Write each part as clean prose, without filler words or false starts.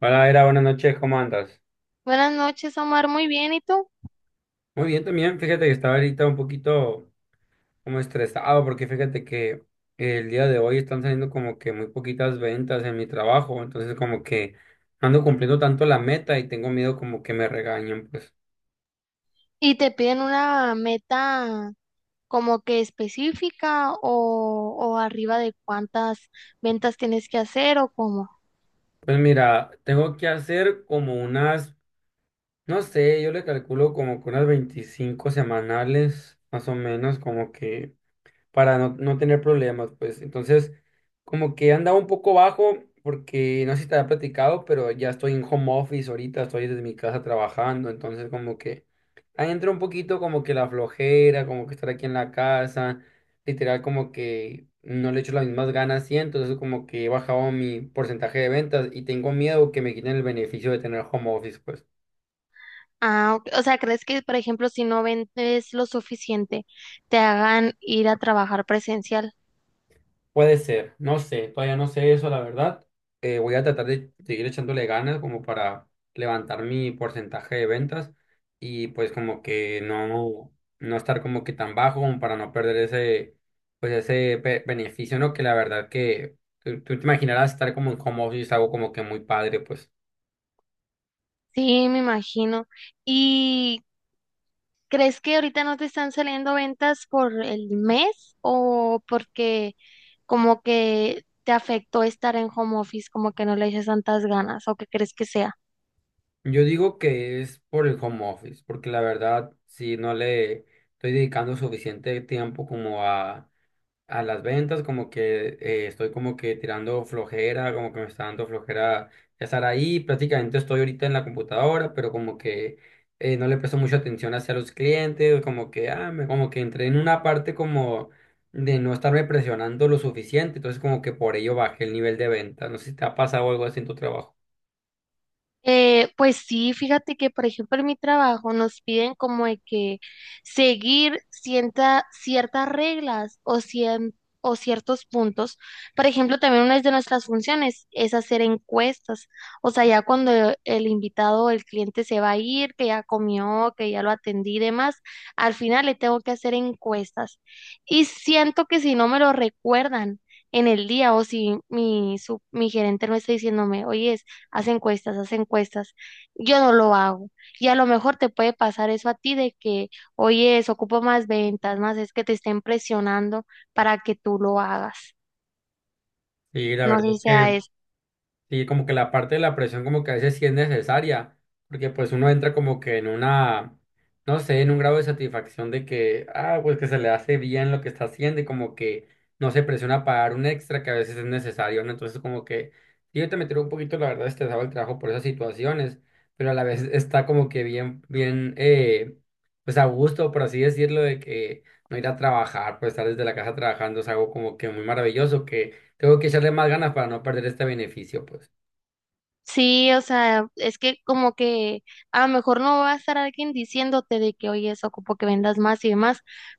Hola, Era, buenas noches, ¿cómo andas? Buenas noches, Omar. Muy bien, ¿y tú? Muy bien también, fíjate que estaba ahorita un poquito como estresado porque fíjate que el día de hoy están saliendo como que muy poquitas ventas en mi trabajo, entonces como que no ando cumpliendo tanto la meta y tengo miedo como que me regañen, pues. ¿Y te piden una meta como que específica o arriba de cuántas ventas tienes que hacer o cómo? Pues mira, tengo que hacer como unas, no sé, yo le calculo como que unas 25 semanales, más o menos, como que para no tener problemas, pues. Entonces, como que andaba un poco bajo, porque no sé si te había platicado, pero ya estoy en home office ahorita, estoy desde mi casa trabajando, entonces como que ahí entra un poquito como que la flojera, como que estar aquí en la casa, literal como que no le echo las mismas ganas y entonces como que he bajado mi porcentaje de ventas y tengo miedo que me quiten el beneficio de tener home office, pues. Ah, ok. O sea, ¿crees que, por ejemplo, si no vendes lo suficiente, te hagan ir a trabajar presencial? Puede ser, no sé, todavía no sé eso, la verdad. Voy a tratar de seguir echándole ganas como para levantar mi porcentaje de ventas y pues como que no estar como que tan bajo como para no perder ese, pues ese beneficio, ¿no? Que la verdad que tú te imaginarás estar como en home office, es algo como que muy padre, pues. Sí, me imagino. ¿Y ¿crees que ahorita no te están saliendo ventas por el mes o porque como que te afectó estar en home office, como que no le dices tantas ganas o qué crees que sea? Yo digo que es por el home office, porque la verdad, si no le estoy dedicando suficiente tiempo como a las ventas, como que estoy como que tirando flojera, como que me está dando flojera estar ahí. Prácticamente estoy ahorita en la computadora, pero como que no le presto mucha atención hacia los clientes, como que, ah, como que entré en una parte como de no estarme presionando lo suficiente, entonces como que por ello bajé el nivel de venta. ¿No sé si te ha pasado algo así en tu trabajo? Pues sí, fíjate que por ejemplo en mi trabajo nos piden como de que seguir ciertas reglas o, o ciertos puntos. Por ejemplo, también una de nuestras funciones es hacer encuestas. O sea, ya cuando el invitado o el cliente se va a ir, que ya comió, que ya lo atendí y demás, al final le tengo que hacer encuestas. Y siento que si no me lo recuerdan en el día o si mi gerente no está diciéndome, oye, hace encuestas, hace encuestas. Yo no lo hago. Y a lo mejor te puede pasar eso a ti de que, oye, eso ocupo más ventas, más es que te estén presionando para que tú lo hagas. Sí, la No verdad sé si es sea que eso. sí, como que la parte de la presión como que a veces sí es necesaria, porque pues uno entra como que en una, no sé, en un grado de satisfacción de que, ah, pues que se le hace bien lo que está haciendo y como que no se presiona a pagar un extra que a veces es necesario, ¿no? Entonces como que, sí, yo te metí un poquito, la verdad, estresado el trabajo por esas situaciones, pero a la vez está como que bien, bien, pues a gusto, por así decirlo, de que no ir a trabajar, pues estar desde la casa trabajando es algo como que muy maravilloso, que tengo que echarle más ganas para no perder este beneficio, pues. Sí, o sea, es que como que a lo mejor no va a estar alguien diciéndote de que, oye, eso ocupo que vendas más y demás,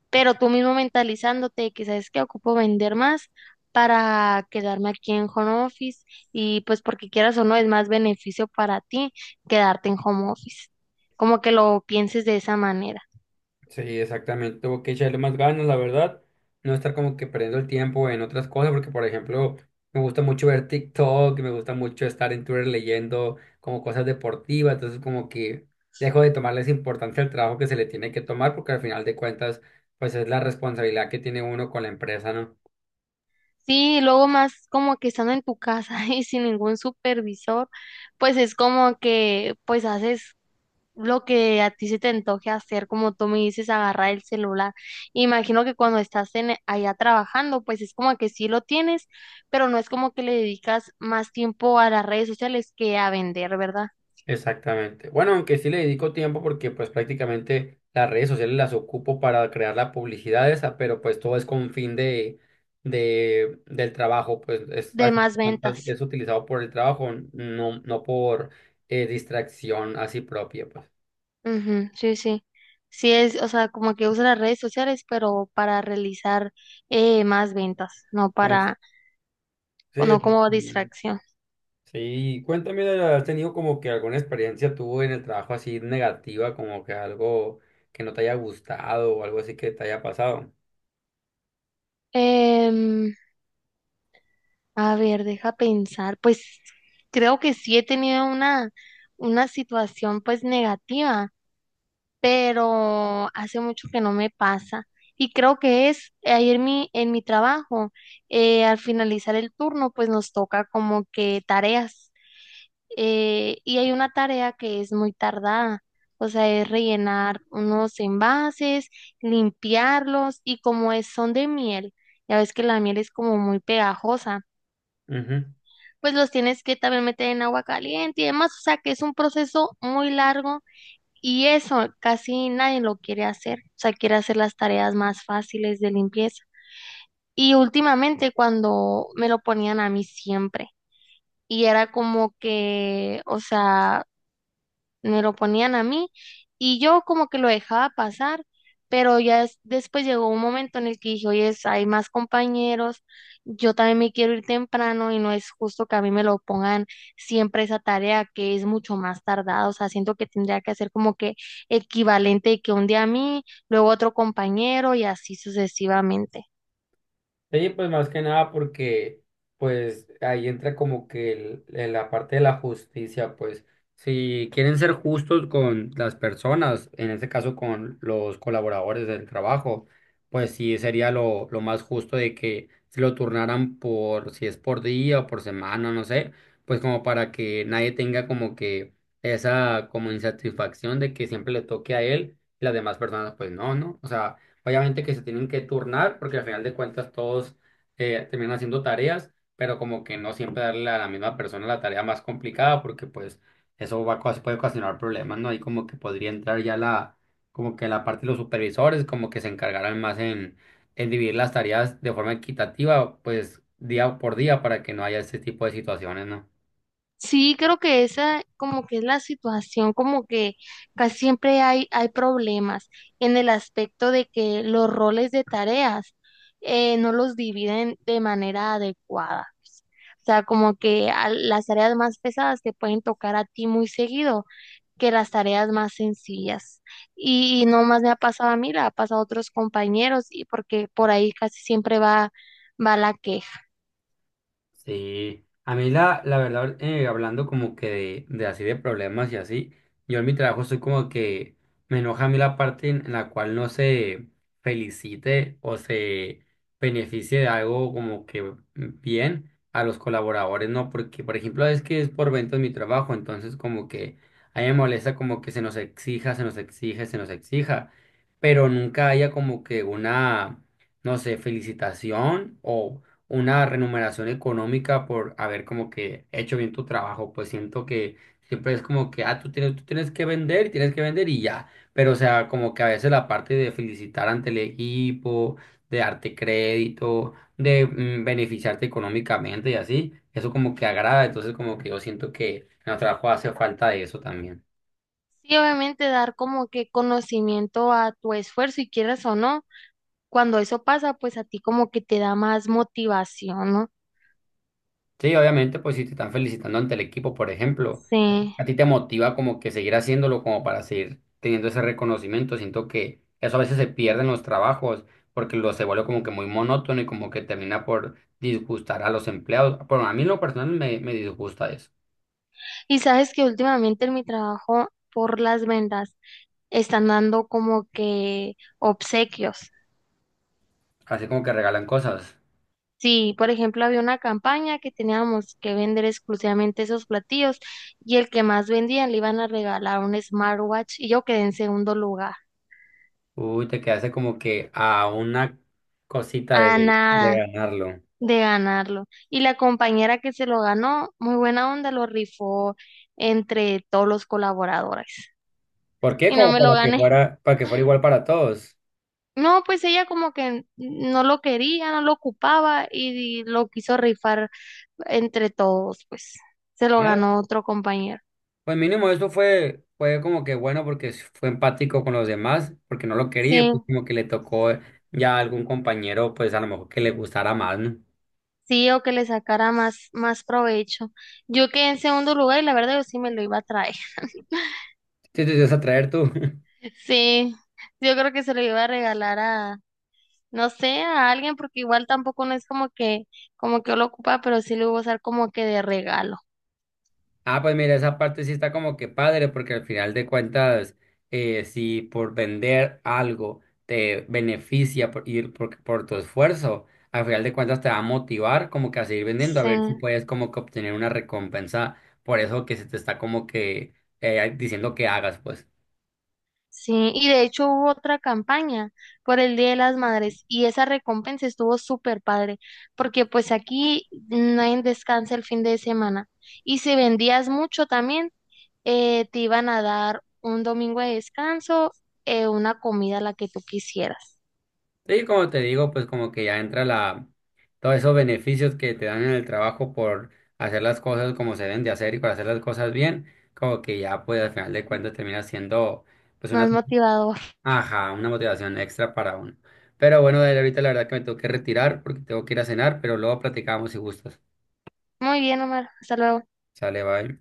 pero tú mismo mentalizándote de que sabes que ocupo vender más para quedarme aquí en home office y pues porque quieras o no es más beneficio para ti quedarte en home office. Como que lo pienses de esa manera. Sí, exactamente. Tengo que echarle más ganas, la verdad. No estar como que perdiendo el tiempo en otras cosas, porque por ejemplo, me gusta mucho ver TikTok, me gusta mucho estar en Twitter leyendo como cosas deportivas, entonces como que dejo de tomarles importancia al trabajo que se le tiene que tomar, porque al final de cuentas, pues es la responsabilidad que tiene uno con la empresa, ¿no? Sí, y luego más como que estando en tu casa y sin ningún supervisor, pues es como que pues haces lo que a ti se te antoje hacer, como tú me dices, agarrar el celular. Imagino que cuando estás en, allá trabajando, pues es como que sí lo tienes, pero no es como que le dedicas más tiempo a las redes sociales que a vender, ¿verdad? Exactamente. Bueno, aunque sí le dedico tiempo porque pues prácticamente las redes sociales las ocupo para crear la publicidad esa, pero pues todo es con fin de, del trabajo, pues es, De al final más de cuentas, ventas. es utilizado por el trabajo, no por distracción así propia, pues. Ujú, sí, sí. Sí es, o sea, como que usa las redes sociales, pero para realizar más ventas, no Es- para, sí, no como exactamente. distracción. Sí, cuéntame, ¿has tenido como que alguna experiencia tú en el trabajo así negativa, como que algo que no te haya gustado o algo así que te haya pasado? Em, A ver, deja pensar. Pues creo que sí he tenido una situación pues negativa, pero hace mucho que no me pasa. Y creo que es ayer en mi trabajo, al finalizar el turno, pues nos toca como que tareas. Y hay una tarea que es muy tardada, o sea, es rellenar unos envases, limpiarlos y como es, son de miel, ya ves que la miel es como muy pegajosa, pues los tienes que también meter en agua caliente y demás, o sea que es un proceso muy largo y eso casi nadie lo quiere hacer, o sea, quiere hacer las tareas más fáciles de limpieza. Y últimamente cuando me lo ponían a mí siempre y era como que, o sea, me lo ponían a mí y yo como que lo dejaba pasar, pero ya después llegó un momento en el que dije, oye, hay más compañeros, yo también me quiero ir temprano y no es justo que a mí me lo pongan siempre esa tarea que es mucho más tardada, o sea, siento que tendría que hacer como que equivalente de que un día a mí, luego otro compañero y así sucesivamente. Sí, pues más que nada porque pues ahí entra como que la parte de la justicia, pues si quieren ser justos con las personas, en este caso con los colaboradores del trabajo, pues sí sería lo más justo de que se lo turnaran por, si es por día o por semana, no sé, pues como para que nadie tenga como que esa como insatisfacción de que siempre le toque a él y las demás personas pues no, ¿no? O sea, obviamente que se tienen que turnar porque al final de cuentas todos terminan haciendo tareas, pero como que no siempre darle a la misma persona la tarea más complicada porque pues eso va, a puede ocasionar problemas, ¿no? Ahí como que podría entrar ya la, como que la parte de los supervisores, como que se encargarán más en dividir las tareas de forma equitativa, pues día por día para que no haya ese tipo de situaciones, ¿no? Sí, creo que esa como que es la situación, como que casi siempre hay problemas en el aspecto de que los roles de tareas no los dividen de manera adecuada. O sea, como que las tareas más pesadas te pueden tocar a ti muy seguido que las tareas más sencillas. Y no más me ha pasado a mí, le ha pasado a otros compañeros, y porque por ahí casi siempre va la queja. Sí, a mí la verdad, hablando como que de así de problemas y así, yo en mi trabajo soy como que me enoja a mí la parte en la cual no se felicite o se beneficie de algo como que bien a los colaboradores, ¿no? Porque, por ejemplo, es que es por ventas mi trabajo, entonces como que a mí me molesta como que se nos exija, se nos exige, se nos exija, pero nunca haya como que una no sé, felicitación o una remuneración económica por haber como que hecho bien tu trabajo, pues siento que siempre es como que, ah, tú tienes que vender, y tienes que vender y ya, pero o sea, como que a veces la parte de felicitar ante el equipo, de darte crédito, de mm, beneficiarte económicamente y así, eso como que agrada, entonces como que yo siento que en el trabajo hace falta de eso también. Sí, obviamente dar como que conocimiento a tu esfuerzo y quieras o no, cuando eso pasa, pues a ti como que te da más motivación, ¿no? Sí, obviamente, pues si te están felicitando ante el equipo, por ejemplo. Sí. A ti te motiva como que seguir haciéndolo, como para seguir teniendo ese reconocimiento. Siento que eso a veces se pierde en los trabajos porque lo se vuelve como que muy monótono y como que termina por disgustar a los empleados. Bueno, a mí en lo personal me disgusta eso. Y sabes que últimamente en mi trabajo por las ventas están dando como que obsequios. Así como que regalan cosas. Sí, por ejemplo, había una campaña que teníamos que vender exclusivamente esos platillos y el que más vendía le iban a regalar un smartwatch y yo quedé en segundo lugar. Uy, te quedaste como que a una cosita Ah, de nada. ganarlo. De ganarlo. Y la compañera que se lo ganó, muy buena onda, lo rifó entre todos los colaboradores. ¿Por qué? Y no Como me lo gané. Para que fuera igual para todos. No, pues ella como que no lo quería, no lo ocupaba y lo quiso rifar entre todos, pues se lo Ah, ganó otro compañero. pues mínimo eso fue como que bueno porque fue empático con los demás, porque no lo quería, y pues Sí, como que le tocó ya algún compañero, pues a lo mejor que le gustara más, ¿no? sí, o que le sacara más provecho. Yo quedé en segundo lugar y la verdad yo sí me lo iba a traer. Sí, te ibas a traer tú. Sí, yo creo que se lo iba a regalar a no sé, a alguien, porque igual tampoco no es como que yo lo ocupa, pero sí lo iba a usar como que de regalo. Ah, pues mira, esa parte sí está como que padre, porque al final de cuentas, si por vender algo te beneficia por ir por tu esfuerzo, al final de cuentas te va a motivar como que a seguir vendiendo, a Sí, ver si puedes como que obtener una recompensa por eso que se te está como que diciendo que hagas, pues. sí. Y de hecho hubo otra campaña por el Día de las Madres y esa recompensa estuvo súper padre, porque pues aquí nadie descansa el fin de semana. Y si vendías mucho también, te iban a dar un domingo de descanso, una comida la que tú quisieras. Sí, como te digo, pues como que ya entra la, todos esos beneficios que te dan en el trabajo por hacer las cosas como se deben de hacer y por hacer las cosas bien, como que ya pues al final de cuentas termina siendo pues una, Más motivador. ajá, una motivación extra para uno. Pero bueno, Dani, ahorita la verdad que me tengo que retirar porque tengo que ir a cenar, pero luego platicamos si gustas. Muy bien, Omar. Hasta luego. Sale, bye.